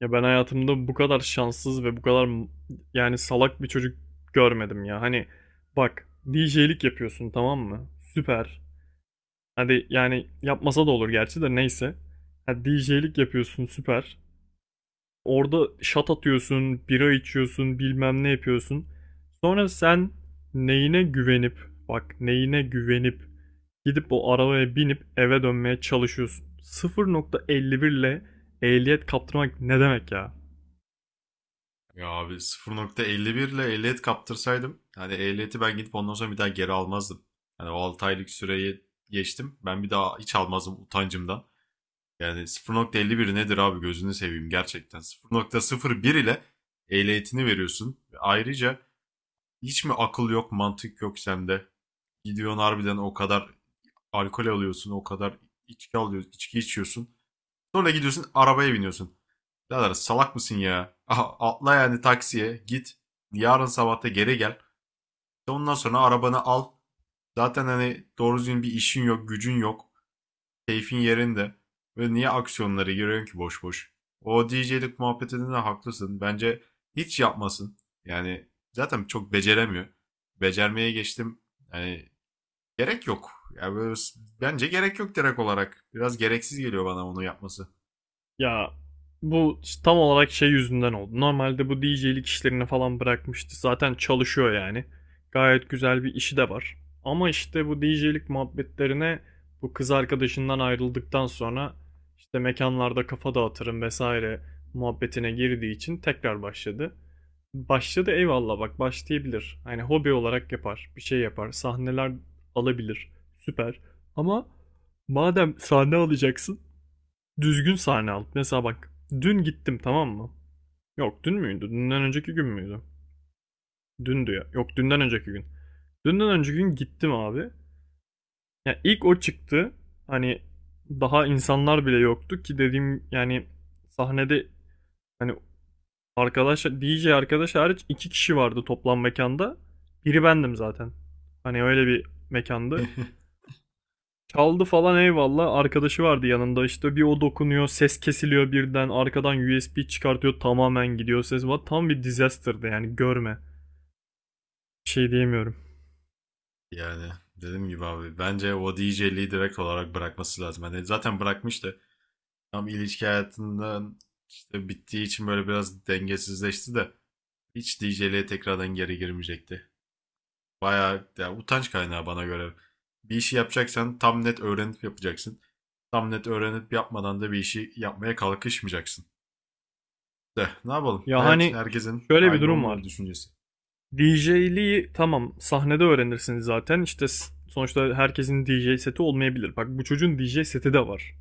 Ya ben hayatımda bu kadar şanssız ve bu kadar yani salak bir çocuk görmedim ya. Hani bak, DJ'lik yapıyorsun, tamam mı? Süper. Hadi yani yapmasa da olur gerçi de neyse. Ha, DJ'lik yapıyorsun, süper. Orada şat atıyorsun, bira içiyorsun, bilmem ne yapıyorsun. Sonra sen neyine güvenip, bak neyine güvenip gidip o arabaya binip eve dönmeye çalışıyorsun. 0,51 ile ehliyet kaptırmak ne demek ya? Ya abi 0.51 ile ehliyet kaptırsaydım hani ehliyeti ben gidip ondan sonra bir daha geri almazdım. Hani o 6 aylık süreyi geçtim. Ben bir daha hiç almazdım utancımdan. Yani 0.51 nedir abi, gözünü seveyim gerçekten. 0.01 ile ehliyetini veriyorsun. Ve ayrıca hiç mi akıl yok, mantık yok sende? Gidiyorsun harbiden, o kadar alkol alıyorsun, o kadar içki alıyorsun, içki içiyorsun. Sonra gidiyorsun arabaya biniyorsun. Birader, salak mısın ya? Aha, atla yani taksiye git. Yarın sabah geri gel. İşte ondan sonra arabanı al. Zaten hani doğru düzgün bir işin yok, gücün yok. Keyfin yerinde. Ve niye aksiyonlara giriyorsun ki boş boş? O DJ'lik muhabbetinde de haklısın. Bence hiç yapmasın. Yani zaten çok beceremiyor. Becermeye geçtim. Yani gerek yok. Yani böyle, bence gerek yok direkt olarak. Biraz gereksiz geliyor bana onu yapması. Ya bu işte tam olarak şey yüzünden oldu. Normalde bu DJ'lik işlerini falan bırakmıştı. Zaten çalışıyor yani. Gayet güzel bir işi de var. Ama işte bu DJ'lik muhabbetlerine bu kız arkadaşından ayrıldıktan sonra işte mekanlarda kafa dağıtırım vesaire muhabbetine girdiği için tekrar başladı. Başladı, eyvallah, bak başlayabilir. Hani hobi olarak yapar, bir şey yapar, sahneler alabilir. Süper. Ama madem sahne alacaksın düzgün sahne al. Mesela bak, dün gittim, tamam mı? Yok, dün müydü? Dünden önceki gün müydü? Dündü ya. Yok, dünden önceki gün. Dünden önceki gün gittim abi. Yani ilk o çıktı. Hani daha insanlar bile yoktu ki dediğim yani, sahnede, hani arkadaş DJ, arkadaş hariç iki kişi vardı toplam mekanda. Biri bendim zaten. Hani öyle bir mekandı. Çaldı falan, eyvallah. Arkadaşı vardı yanında. İşte bir o dokunuyor, ses kesiliyor birden. Arkadan USB çıkartıyor, tamamen gidiyor ses. Tam bir disaster'dı yani görme. Bir şey diyemiyorum. Yani dediğim gibi abi, bence o DJ'liği direkt olarak bırakması lazım. Hani zaten bırakmıştı. Tam ilişki hayatından işte bittiği için böyle biraz dengesizleşti de hiç DJ'liğe tekrardan geri girmeyecekti. Bayağı ya, utanç kaynağı bana göre. Bir işi yapacaksan tam net öğrenip yapacaksın. Tam net öğrenip yapmadan da bir işi yapmaya kalkışmayacaksın. De ne yapalım? Ya Hayat hani herkesin şöyle bir aynı durum olmuyor var. düşüncesi. DJ'liği tamam sahnede öğrenirsiniz zaten. İşte sonuçta herkesin DJ seti olmayabilir. Bak bu çocuğun DJ seti de var.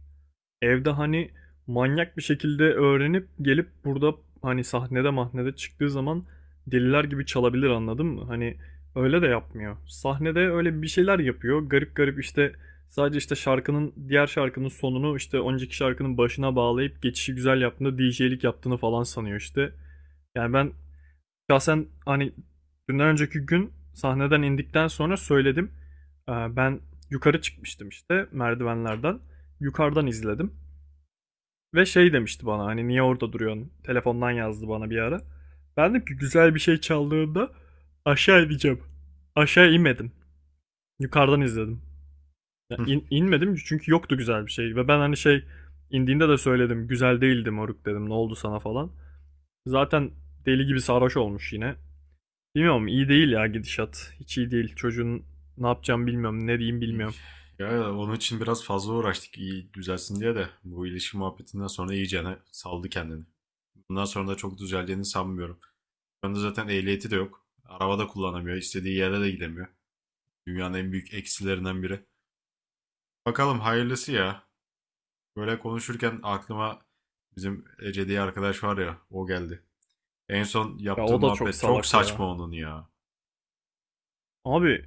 Evde hani manyak bir şekilde öğrenip gelip burada hani sahnede mahnede çıktığı zaman deliler gibi çalabilir, anladın mı? Hani öyle de yapmıyor. Sahnede öyle bir şeyler yapıyor. Garip garip işte, sadece işte şarkının, diğer şarkının sonunu işte önceki şarkının başına bağlayıp geçişi güzel yaptığında DJ'lik yaptığını falan sanıyor işte. Yani ben şahsen hani dünden önceki gün sahneden indikten sonra söyledim. Ben yukarı çıkmıştım işte merdivenlerden. Yukarıdan izledim. Ve şey demişti bana, hani niye orada duruyorsun? Telefondan yazdı bana bir ara. Ben dedim ki güzel bir şey çaldığında aşağı ineceğim. Aşağı inmedim. Yukarıdan izledim. Ya inmedim çünkü yoktu güzel bir şey. Ve ben hani şey, indiğinde de söyledim. Güzel değildi moruk dedim. Ne oldu sana falan. Zaten deli gibi sarhoş olmuş yine. Bilmiyorum, iyi değil ya gidişat. Hiç iyi değil. Çocuğun ne yapacağım bilmiyorum. Ne diyeyim İyi. bilmiyorum. Ya onun için biraz fazla uğraştık iyi düzelsin diye de bu ilişki muhabbetinden sonra iyicene saldı kendini. Bundan sonra da çok düzeleceğini sanmıyorum. Şu anda zaten ehliyeti de yok. Araba da kullanamıyor. İstediği yere de gidemiyor. Dünyanın en büyük eksilerinden biri. Bakalım hayırlısı ya. Böyle konuşurken aklıma bizim Ece diye arkadaş var ya o geldi. En son Ya yaptığı o da çok muhabbet çok salak saçma ya. onun ya. Abi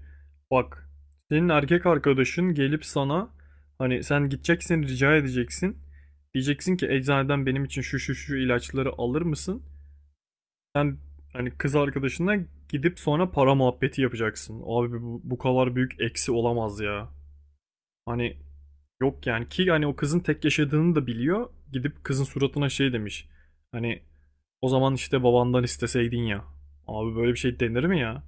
bak, senin erkek arkadaşın gelip sana, hani sen gideceksin rica edeceksin. Diyeceksin ki eczaneden benim için şu şu şu ilaçları alır mısın? Sen hani kız arkadaşına gidip sonra para muhabbeti yapacaksın. Abi bu kadar büyük eksi olamaz ya. Hani yok yani ki, hani o kızın tek yaşadığını da biliyor. Gidip kızın suratına şey demiş. Hani o zaman işte babandan isteseydin ya. Abi böyle bir şey denir mi ya?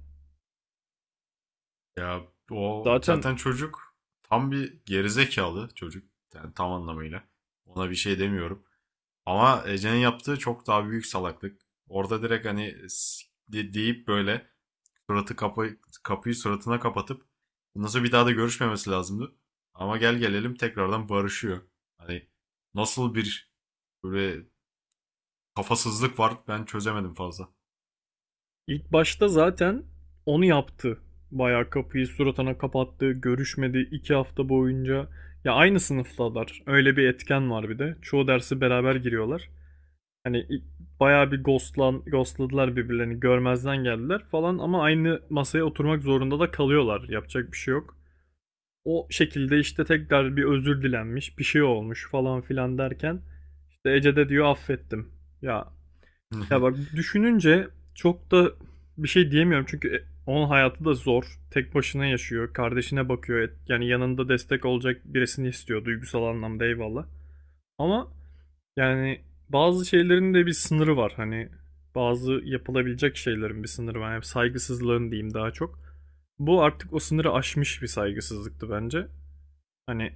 Ya o Zaten zaten çocuk, tam bir gerizekalı çocuk. Yani tam anlamıyla. Ona bir şey demiyorum. Ama Ece'nin yaptığı çok daha büyük salaklık. Orada direkt hani deyip böyle suratı kapı, kapıyı suratına kapatıp nasıl bir daha da görüşmemesi lazımdı. Ama gel gelelim tekrardan barışıyor. Hani nasıl bir böyle kafasızlık var ben çözemedim fazla. İlk başta zaten onu yaptı. Bayağı kapıyı suratına kapattı, görüşmedi 2 hafta boyunca. Ya aynı sınıftalar. Öyle bir etken var bir de. Çoğu dersi beraber giriyorlar. Hani bayağı bir ghostladılar birbirlerini. Görmezden geldiler falan ama aynı masaya oturmak zorunda da kalıyorlar. Yapacak bir şey yok. O şekilde işte tekrar bir özür dilenmiş, bir şey olmuş falan filan derken işte Ece de diyor affettim. Ya, ya bak, düşününce çok da bir şey diyemiyorum çünkü onun hayatı da zor. Tek başına yaşıyor, kardeşine bakıyor. Yani yanında destek olacak birisini istiyor duygusal anlamda, eyvallah. Ama yani bazı şeylerin de bir sınırı var. Hani bazı yapılabilecek şeylerin bir sınırı var. Yani saygısızlığın diyeyim daha çok. Bu artık o sınırı aşmış bir saygısızlıktı bence. Hani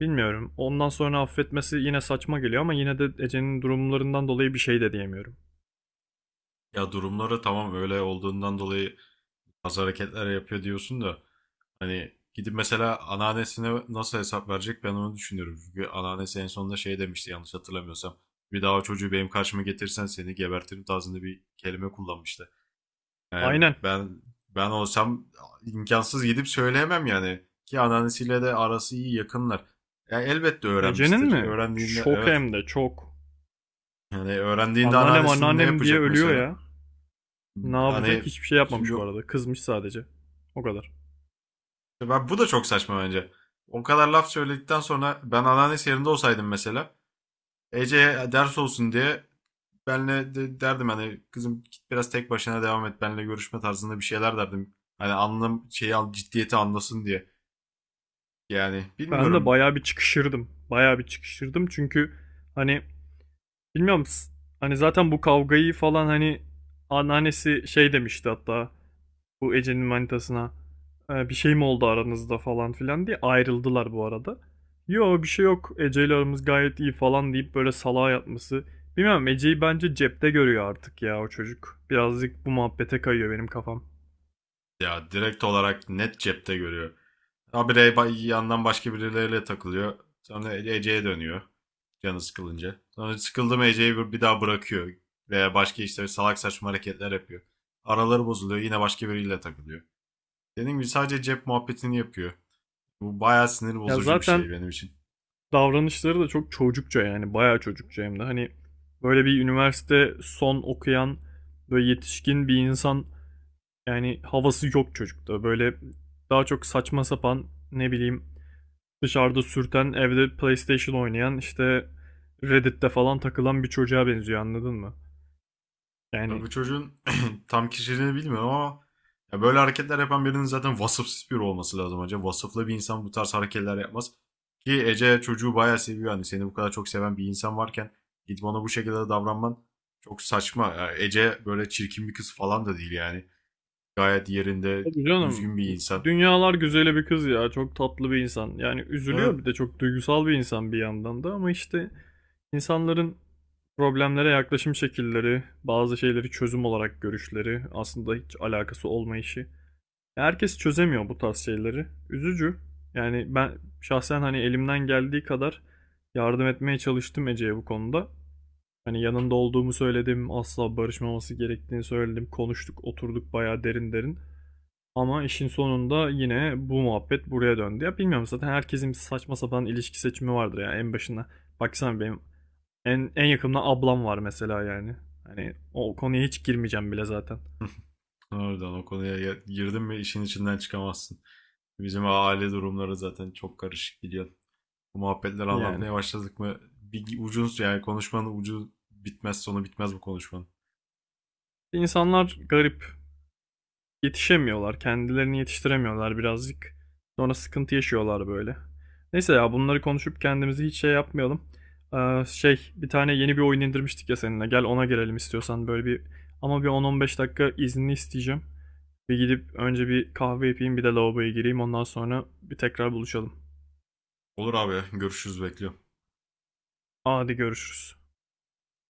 bilmiyorum. Ondan sonra affetmesi yine saçma geliyor ama yine de Ece'nin durumlarından dolayı bir şey de diyemiyorum. Ya durumları tamam öyle olduğundan dolayı bazı hareketler yapıyor diyorsun da hani gidip mesela anneannesine nasıl hesap verecek, ben onu düşünüyorum. Çünkü anneannesi en sonunda şey demişti yanlış hatırlamıyorsam. Bir daha o çocuğu benim karşıma getirsen seni gebertirim tarzında bir kelime kullanmıştı. Yani Aynen. ben olsam imkansız gidip söyleyemem yani. Ki anneannesiyle de arası iyi, yakınlar. Ya elbette Ece'nin öğrenmiştir. mi? Öğrendiğinde Çok, evet. hem de çok. Yani öğrendiğinde Anneannem, anneannesinin ne anneannem diye yapacak ölüyor mesela? ya. Ne yapacak? Hani Hiçbir şey şimdi yapmamış bu arada. Kızmış sadece. O kadar. ben, bu da çok saçma bence. O kadar laf söyledikten sonra ben anneannesi yerinde olsaydım mesela Ece'ye ders olsun diye benle de derdim, hani kızım git biraz tek başına devam et, benle görüşme tarzında bir şeyler derdim. Hani anlam şeyi al, ciddiyeti anlasın diye. Yani Ben de bilmiyorum, bayağı bir çıkışırdım. Bayağı bir çıkışırdım çünkü hani bilmiyorum, hani zaten bu kavgayı falan, hani anneannesi şey demişti hatta. Bu Ece'nin manitasına, "E, bir şey mi oldu aranızda" falan filan diye ayrıldılar bu arada. Yo bir şey yok Ece, aramız gayet iyi falan deyip böyle salağa yatması. Bilmem, Ece'yi bence cepte görüyor artık ya o çocuk. Birazcık bu muhabbete kayıyor benim kafam. ya direkt olarak net cepte görüyor. Habire yandan başka birileriyle takılıyor. Sonra Ece'ye dönüyor canı sıkılınca. Sonra sıkıldı mı Ece'yi bir daha bırakıyor. Veya başka işte salak saçma hareketler yapıyor. Araları bozuluyor, yine başka biriyle takılıyor. Dediğim gibi sadece cep muhabbetini yapıyor. Bu bayağı sinir Ya bozucu bir zaten şey benim için. davranışları da çok çocukça, yani bayağı çocukça hem de, hani böyle bir üniversite son okuyan, böyle yetişkin bir insan, yani havası yok çocukta. Böyle daha çok saçma sapan, ne bileyim, dışarıda sürten, evde PlayStation oynayan, işte Reddit'te falan takılan bir çocuğa benziyor, anladın mı? Ya Yani bu çocuğun tam kişiliğini bilmiyorum ama ya böyle hareketler yapan birinin zaten vasıfsız biri olması lazım hocam. Vasıflı bir insan bu tarz hareketler yapmaz. Ki Ece çocuğu bayağı seviyor. Hani seni bu kadar çok seven bir insan varken gidip ona bu şekilde davranman çok saçma. Ya Ece böyle çirkin bir kız falan da değil yani. Gayet yerinde tabii canım, düzgün bir insan. dünyalar güzeli bir kız ya, çok tatlı bir insan. Yani Evet. üzülüyor, bir de çok duygusal bir insan bir yandan da ama işte insanların problemlere yaklaşım şekilleri, bazı şeyleri çözüm olarak görüşleri, aslında hiç alakası olmayışı. Herkes çözemiyor bu tarz şeyleri. Üzücü. Yani ben şahsen hani elimden geldiği kadar yardım etmeye çalıştım Ece'ye bu konuda. Hani yanında olduğumu söyledim, asla barışmaması gerektiğini söyledim. Konuştuk, oturduk bayağı derin derin. Ama işin sonunda yine bu muhabbet buraya döndü. Ya bilmiyorum, zaten herkesin bir saçma sapan ilişki seçimi vardır ya en başına. Baksana benim en yakınımda ablam var mesela yani. Hani o konuya hiç girmeyeceğim bile zaten. Oradan o konuya girdin mi işin içinden çıkamazsın. Bizim aile durumları zaten çok karışık biliyorsun. Bu muhabbetleri Yani. anlatmaya başladık mı? Bir ucuz yani konuşmanın ucu bitmez sonu bitmez bu konuşmanın. İnsanlar garip. Yetişemiyorlar. Kendilerini yetiştiremiyorlar birazcık. Sonra sıkıntı yaşıyorlar böyle. Neyse ya, bunları konuşup kendimizi hiç şey yapmayalım. Şey, bir tane yeni bir oyun indirmiştik ya seninle. Gel ona gelelim istiyorsan, böyle bir, ama bir 10-15 dakika izni isteyeceğim. Bir gidip önce bir kahve yapayım, bir de lavaboya gireyim, ondan sonra bir tekrar buluşalım. Olur abi, görüşürüz, bekliyorum. Hadi görüşürüz.